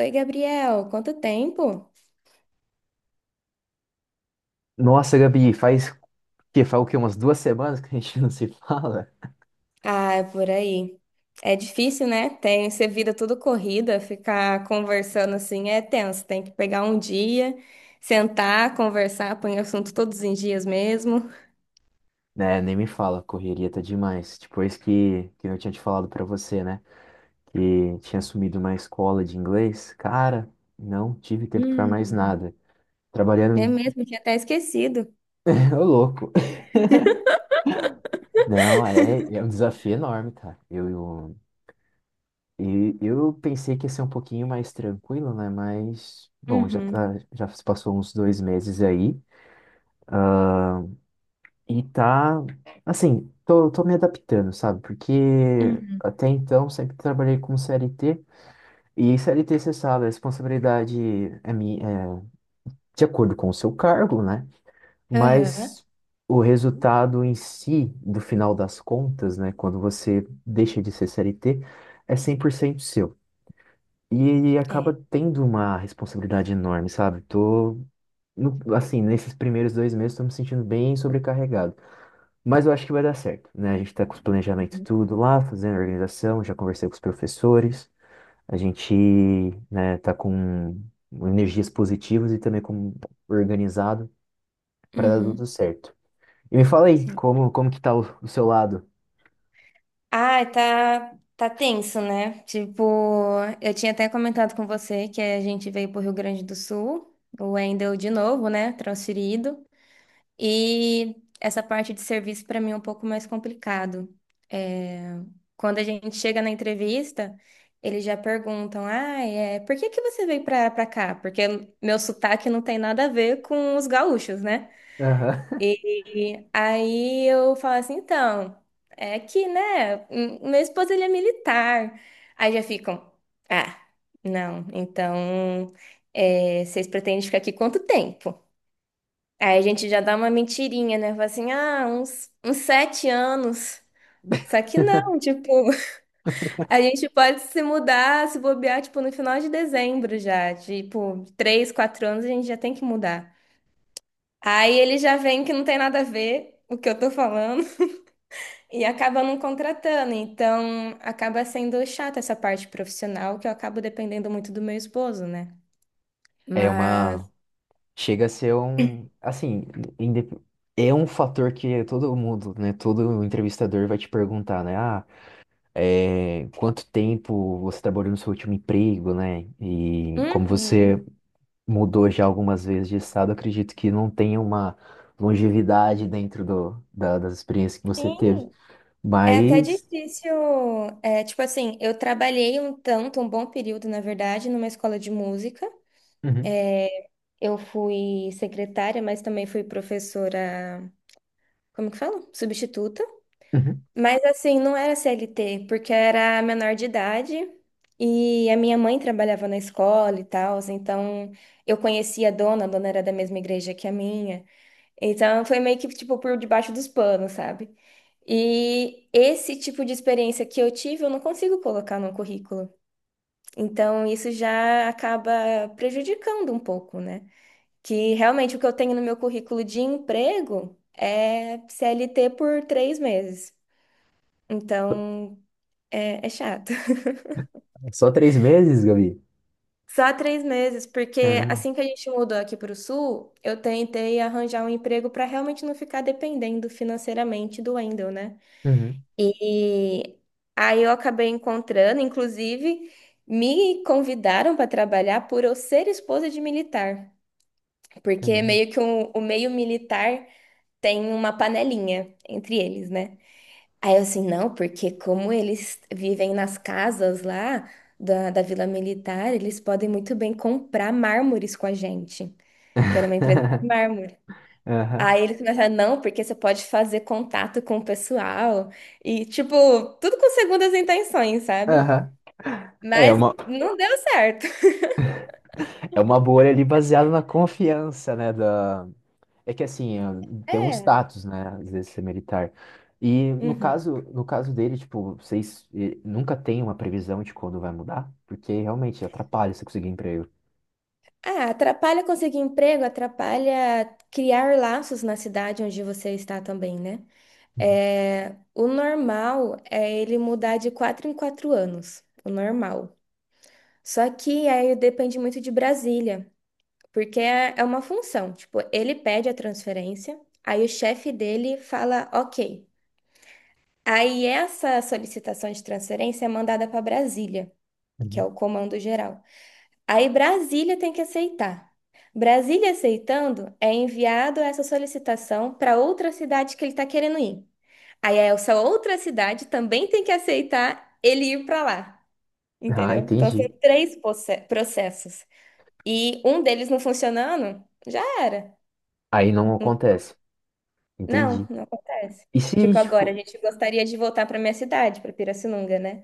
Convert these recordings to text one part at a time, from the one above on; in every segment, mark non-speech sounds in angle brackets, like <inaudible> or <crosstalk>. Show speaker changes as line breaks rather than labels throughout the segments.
Oi, Gabriel, quanto tempo?
Nossa, Gabi, faz o quê? Umas 2 semanas que a gente <laughs> não se fala?
Ah, é por aí. É difícil, né? Tem ser vida tudo corrida, ficar conversando assim é tenso. Tem que pegar um dia, sentar, conversar, põe assunto todos os dias mesmo.
Né, nem me fala, correria tá demais. Depois que eu tinha te falado pra você, né? Que tinha assumido uma escola de inglês, cara, não tive tempo pra mais
Hum.
nada.
É
Trabalhando,
mesmo, tinha até esquecido.
<laughs> ô louco. Não, é um desafio enorme, cara. E eu pensei que ia ser um pouquinho mais tranquilo, né? Mas, bom,
Uhum.
já se passou uns 2 meses aí. E tá, assim, tô me adaptando, sabe? Porque
Uhum.
até então sempre trabalhei com CLT. E CLT, você sabe, a responsabilidade é de acordo com o seu cargo, né?
Aham.
Mas o resultado em si, do final das contas, né? Quando você deixa de ser CLT, é 100% seu. E
É.
acaba tendo uma responsabilidade enorme, sabe? Tô, no- assim, nesses primeiros 2 meses, tô me sentindo bem sobrecarregado. Mas eu acho que vai dar certo, né? A gente tá com os planejamentos tudo lá, fazendo a organização, já conversei com os professores, a gente, né, tá com energias positivas e também com organizado para dar tudo
Uhum.
certo. E me fala aí, como que tá o seu lado?
Ah, tá, tá tenso, né? Tipo, eu tinha até comentado com você que a gente veio pro Rio Grande do Sul, o Wendel de novo, né? Transferido. E essa parte de serviço para mim é um pouco mais complicado. É, quando a gente chega na entrevista, eles já perguntam: ah, é, por que que você veio pra cá? Porque meu sotaque não tem nada a ver com os gaúchos, né?
Aham.
E aí eu falo assim, então, é aqui, né? Meu esposo, ele é militar. Aí já ficam, ah, não, então, é, vocês pretendem ficar aqui quanto tempo? Aí a gente já dá uma mentirinha, né? Fala assim, ah, uns 7 anos. Só que não,
<laughs>
tipo, <laughs> a gente pode se mudar, se bobear, tipo, no final de dezembro já. Tipo, 3, 4 anos a gente já tem que mudar. Aí ele já vem que não tem nada a ver o que eu tô falando. E acaba não contratando, então acaba sendo chata essa parte profissional que eu acabo dependendo muito do meu esposo, né?
É
Mas,
uma. Chega a ser um. Assim, indep- é um fator que todo mundo, né? Todo entrevistador vai te perguntar, né? Ah é, quanto tempo você trabalhou no seu último emprego, né? E como
uhum,
você mudou já algumas vezes de estado, eu acredito que não tenha uma longevidade dentro das experiências que você teve.
sim, é até
Mas.
difícil. É, tipo assim, eu trabalhei um tanto, um bom período, na verdade, numa escola de música.
Uhum,
Eu fui secretária, mas também fui professora, como que fala? Substituta.
uhum.
Mas assim, não era CLT, porque era menor de idade e a minha mãe trabalhava na escola e tal, então eu conhecia a dona era da mesma igreja que a minha. Então foi meio que tipo por debaixo dos panos, sabe? E esse tipo de experiência que eu tive, eu não consigo colocar no currículo. Então isso já acaba prejudicando um pouco, né? Que realmente o que eu tenho no meu currículo de emprego é CLT por 3 meses. Então, é chato. <laughs>
Só 3 meses, Gabi?
Só 3 meses, porque
Caramba.
assim que a gente mudou aqui para o sul, eu tentei arranjar um emprego para realmente não ficar dependendo financeiramente do Wendel, né?
Uhum,
E aí eu acabei encontrando, inclusive, me convidaram para trabalhar por eu ser esposa de militar, porque
caramba.
meio que o meio militar tem uma panelinha entre eles, né? Aí eu assim, não, porque como eles vivem nas casas lá da Vila Militar, eles podem muito bem comprar mármores com a gente, que era uma empresa de mármore.
Aham,
Aí eles começaram, não, porque você pode fazer contato com o pessoal e, tipo, tudo com segundas intenções, sabe?
aham. É
Mas
uma,
não deu certo. <laughs>
é uma bolha ali baseada na confiança, né? É que assim, é, tem um
É.
status, né? Às vezes ser militar. E no
Uhum.
caso, no caso dele, tipo, vocês nunca tem uma previsão de quando vai mudar? Porque realmente atrapalha você conseguir emprego.
Ah, atrapalha conseguir emprego, atrapalha criar laços na cidade onde você está também, né?
Uhum,
É, o normal é ele mudar de 4 em 4 anos, o normal. Só que aí depende muito de Brasília, porque é uma função. Tipo, ele pede a transferência, aí o chefe dele fala ok. Aí essa solicitação de transferência é mandada para Brasília, que é
uhum.
o comando geral. Aí Brasília tem que aceitar. Brasília aceitando, é enviado essa solicitação para outra cidade que ele está querendo ir. Aí é essa outra cidade também tem que aceitar ele ir para lá,
Ah,
entendeu? Então são
entendi.
três processos. E um deles não funcionando, já era.
Aí não acontece.
Não,
Entendi.
não acontece.
E se,
Tipo, agora a
tipo.
gente gostaria de voltar para minha cidade, para Pirassununga, né?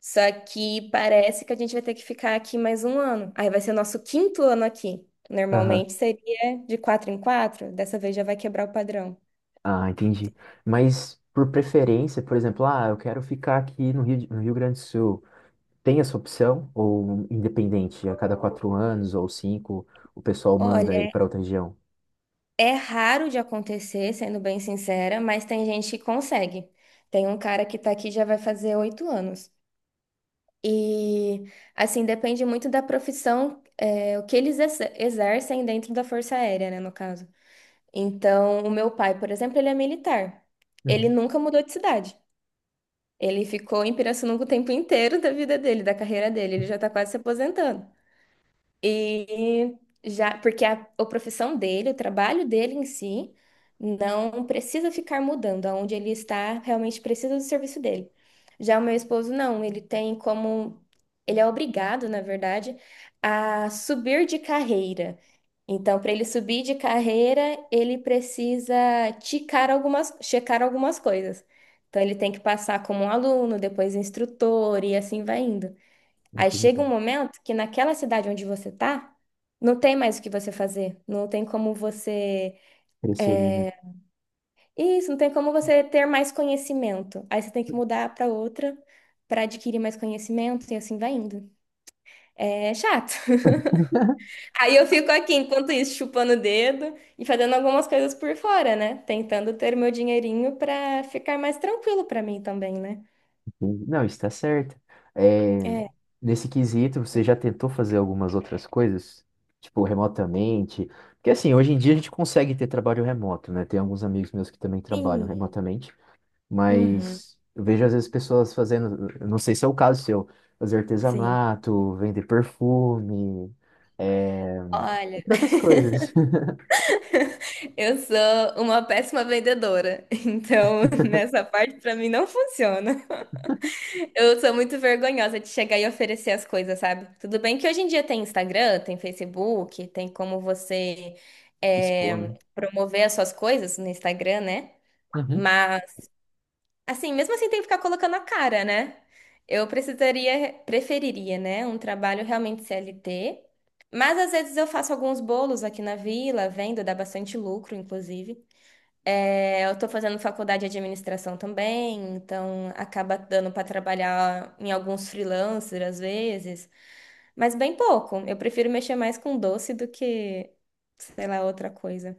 Só que parece que a gente vai ter que ficar aqui mais um ano. Aí vai ser o nosso quinto ano aqui.
Aham.
Normalmente seria de 4 em 4, dessa vez já vai quebrar o padrão.
Ah, entendi. Mas por preferência, por exemplo, ah, eu quero ficar aqui no Rio Grande do Sul. Tem essa opção? Ou independente, a cada 4 anos ou 5, o pessoal manda ele
Olha,
para outra região?
é raro de acontecer, sendo bem sincera, mas tem gente que consegue. Tem um cara que tá aqui já vai fazer 8 anos. E, assim, depende muito da profissão, é, o que eles exercem dentro da Força Aérea, né, no caso. Então, o meu pai, por exemplo, ele é militar. Ele
Uhum,
nunca mudou de cidade. Ele ficou em Pirassununga o tempo inteiro da vida dele, da carreira dele. Ele já tá quase se aposentando. E já, porque a profissão dele, o trabalho dele em si, não precisa ficar mudando. Aonde ele está, realmente precisa do serviço dele. Já o meu esposo, não, ele tem como. Ele é obrigado, na verdade, a subir de carreira. Então, para ele subir de carreira, ele precisa checar algumas coisas. Então, ele tem que passar como um aluno, depois instrutor, e assim vai indo. Aí chega
entendi.
um momento que naquela cidade onde você tá, não tem mais o que você fazer, não tem como você.
Preferida.
Isso, não tem como você ter mais conhecimento. Aí você tem que mudar para outra para adquirir mais conhecimento e assim vai indo. É chato. <laughs> Aí eu fico aqui, enquanto isso, chupando o dedo e fazendo algumas coisas por fora, né? Tentando ter meu dinheirinho para ficar mais tranquilo para mim também, né?
Entendi. Não, está certo. É,
É.
nesse quesito, você já tentou fazer algumas outras coisas? Tipo, remotamente? Porque, assim, hoje em dia a gente consegue ter trabalho remoto, né? Tem alguns amigos meus que também trabalham
Sim.
remotamente,
Uhum.
mas eu vejo às vezes pessoas fazendo, eu não sei se é o caso seu, fazer
Sim.
artesanato, vender perfume, é,
Olha.
entre outras coisas. <laughs>
Eu sou uma péssima vendedora, <laughs> então nessa parte pra mim não funciona. Eu sou muito vergonhosa de chegar e oferecer as coisas, sabe? Tudo bem que hoje em dia tem Instagram, tem Facebook, tem como você
Expor,
é,
né?
promover as suas coisas no Instagram, né?
Uhum.
Mas assim, mesmo assim tem que ficar colocando a cara, né? Eu precisaria, preferiria, né, um trabalho realmente CLT. Mas às vezes eu faço alguns bolos aqui na vila, vendo, dá bastante lucro, inclusive. É, eu estou fazendo faculdade de administração também, então acaba dando para trabalhar em alguns freelancers às vezes, mas bem pouco. Eu prefiro mexer mais com doce do que, sei lá, outra coisa.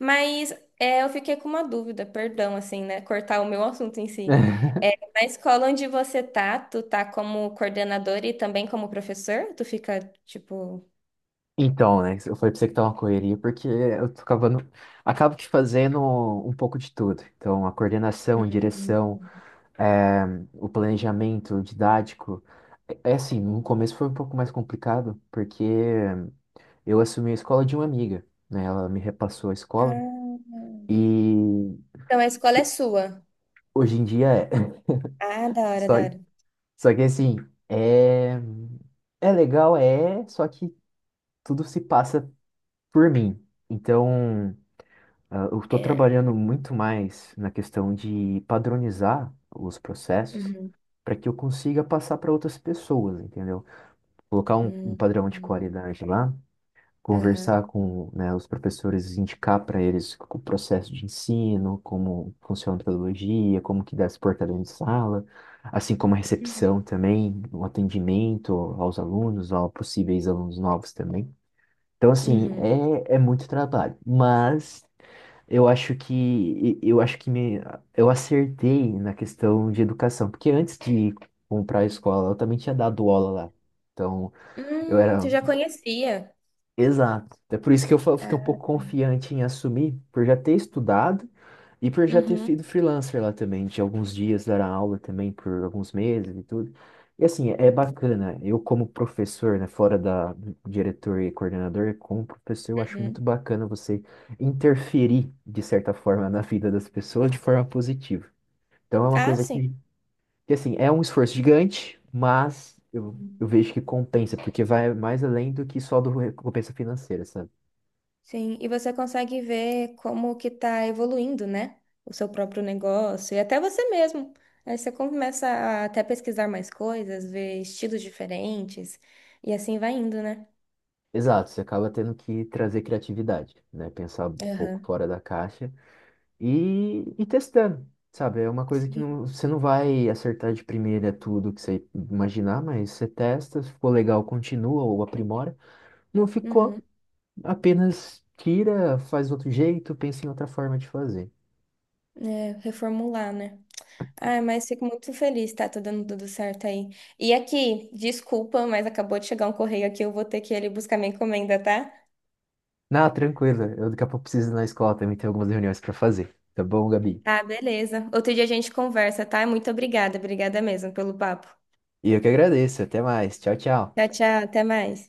Mas é, eu fiquei com uma dúvida, perdão, assim, né? Cortar o meu assunto em si.
<laughs>
É, na escola onde você tá, tu tá como coordenador e também como professor? Tu fica, tipo...
Então, né, eu falei pra você que tá uma correria, porque acabo que fazendo um pouco de tudo. Então, a coordenação,
Hum.
direção, eh, o planejamento didático. É assim, no começo foi um pouco mais complicado, porque eu assumi a escola de uma amiga, né? Ela me repassou a escola,
Ah.
e
Então a escola é sua.
hoje em dia é. <laughs>
Ah, da hora,
Só,
da hora.
só que assim, é, é, legal, só que tudo se passa por mim. Então. Ah, eu estou trabalhando muito mais na questão de padronizar os processos
Uhum.
para que eu consiga passar para outras pessoas, entendeu? Colocar um
Uhum.
padrão de
Uhum.
qualidade lá,
Aham.
conversar com, né, os professores, indicar para eles o processo de ensino, como funciona a metodologia, como que dá se portar dentro de sala, assim como a
Uhum.
recepção também, o atendimento aos alunos, a possíveis alunos novos também. Então, assim,
Uhum.
é muito trabalho. Mas eu acho que eu acho que me, eu acertei na questão de educação, porque antes de comprar a escola, eu também tinha dado aula lá. Então, eu era.
Tu já conhecia.
Exato. É por isso que eu fiquei um pouco confiante em assumir, por já ter estudado e por já ter sido
Uhum.
freelancer lá também, de alguns dias dar aula também por alguns meses e tudo. E assim, é bacana. Eu como professor, né, fora da diretor e coordenador, como professor, eu acho
Uhum.
muito bacana você interferir de certa forma na vida das pessoas de forma positiva. Então é uma
Ah,
coisa
sim.
que assim, é um esforço gigante, mas eu,
Uhum.
eu vejo que compensa, porque vai mais além do que só do recompensa financeira, sabe?
Sim, e você consegue ver como que tá evoluindo, né? O seu próprio negócio e até você mesmo. Aí você começa a até pesquisar mais coisas, ver estilos diferentes e assim vai indo, né?
Exato, você acaba tendo que trazer criatividade, né? Pensar um pouco
Aham.
fora da caixa e testando, sabe? É uma coisa que
Sim.
não, você não vai acertar de primeira tudo que você imaginar, mas você testa, se ficou legal, continua ou aprimora. Não ficou,
Uhum.
apenas tira, faz outro jeito, pensa em outra forma de fazer.
É, reformular, né? Ai, mas fico muito feliz, tá? Tá dando tudo certo aí. E aqui, desculpa, mas acabou de chegar um correio aqui, eu vou ter que ir ali buscar minha encomenda, tá?
Não, tranquila. Eu daqui a pouco preciso ir na escola também, tem algumas reuniões para fazer. Tá bom, Gabi?
Tá, beleza. Outro dia a gente conversa, tá? Muito obrigada, obrigada mesmo pelo papo.
E eu que agradeço, até mais. Tchau, tchau.
Tchau, tchau, até mais.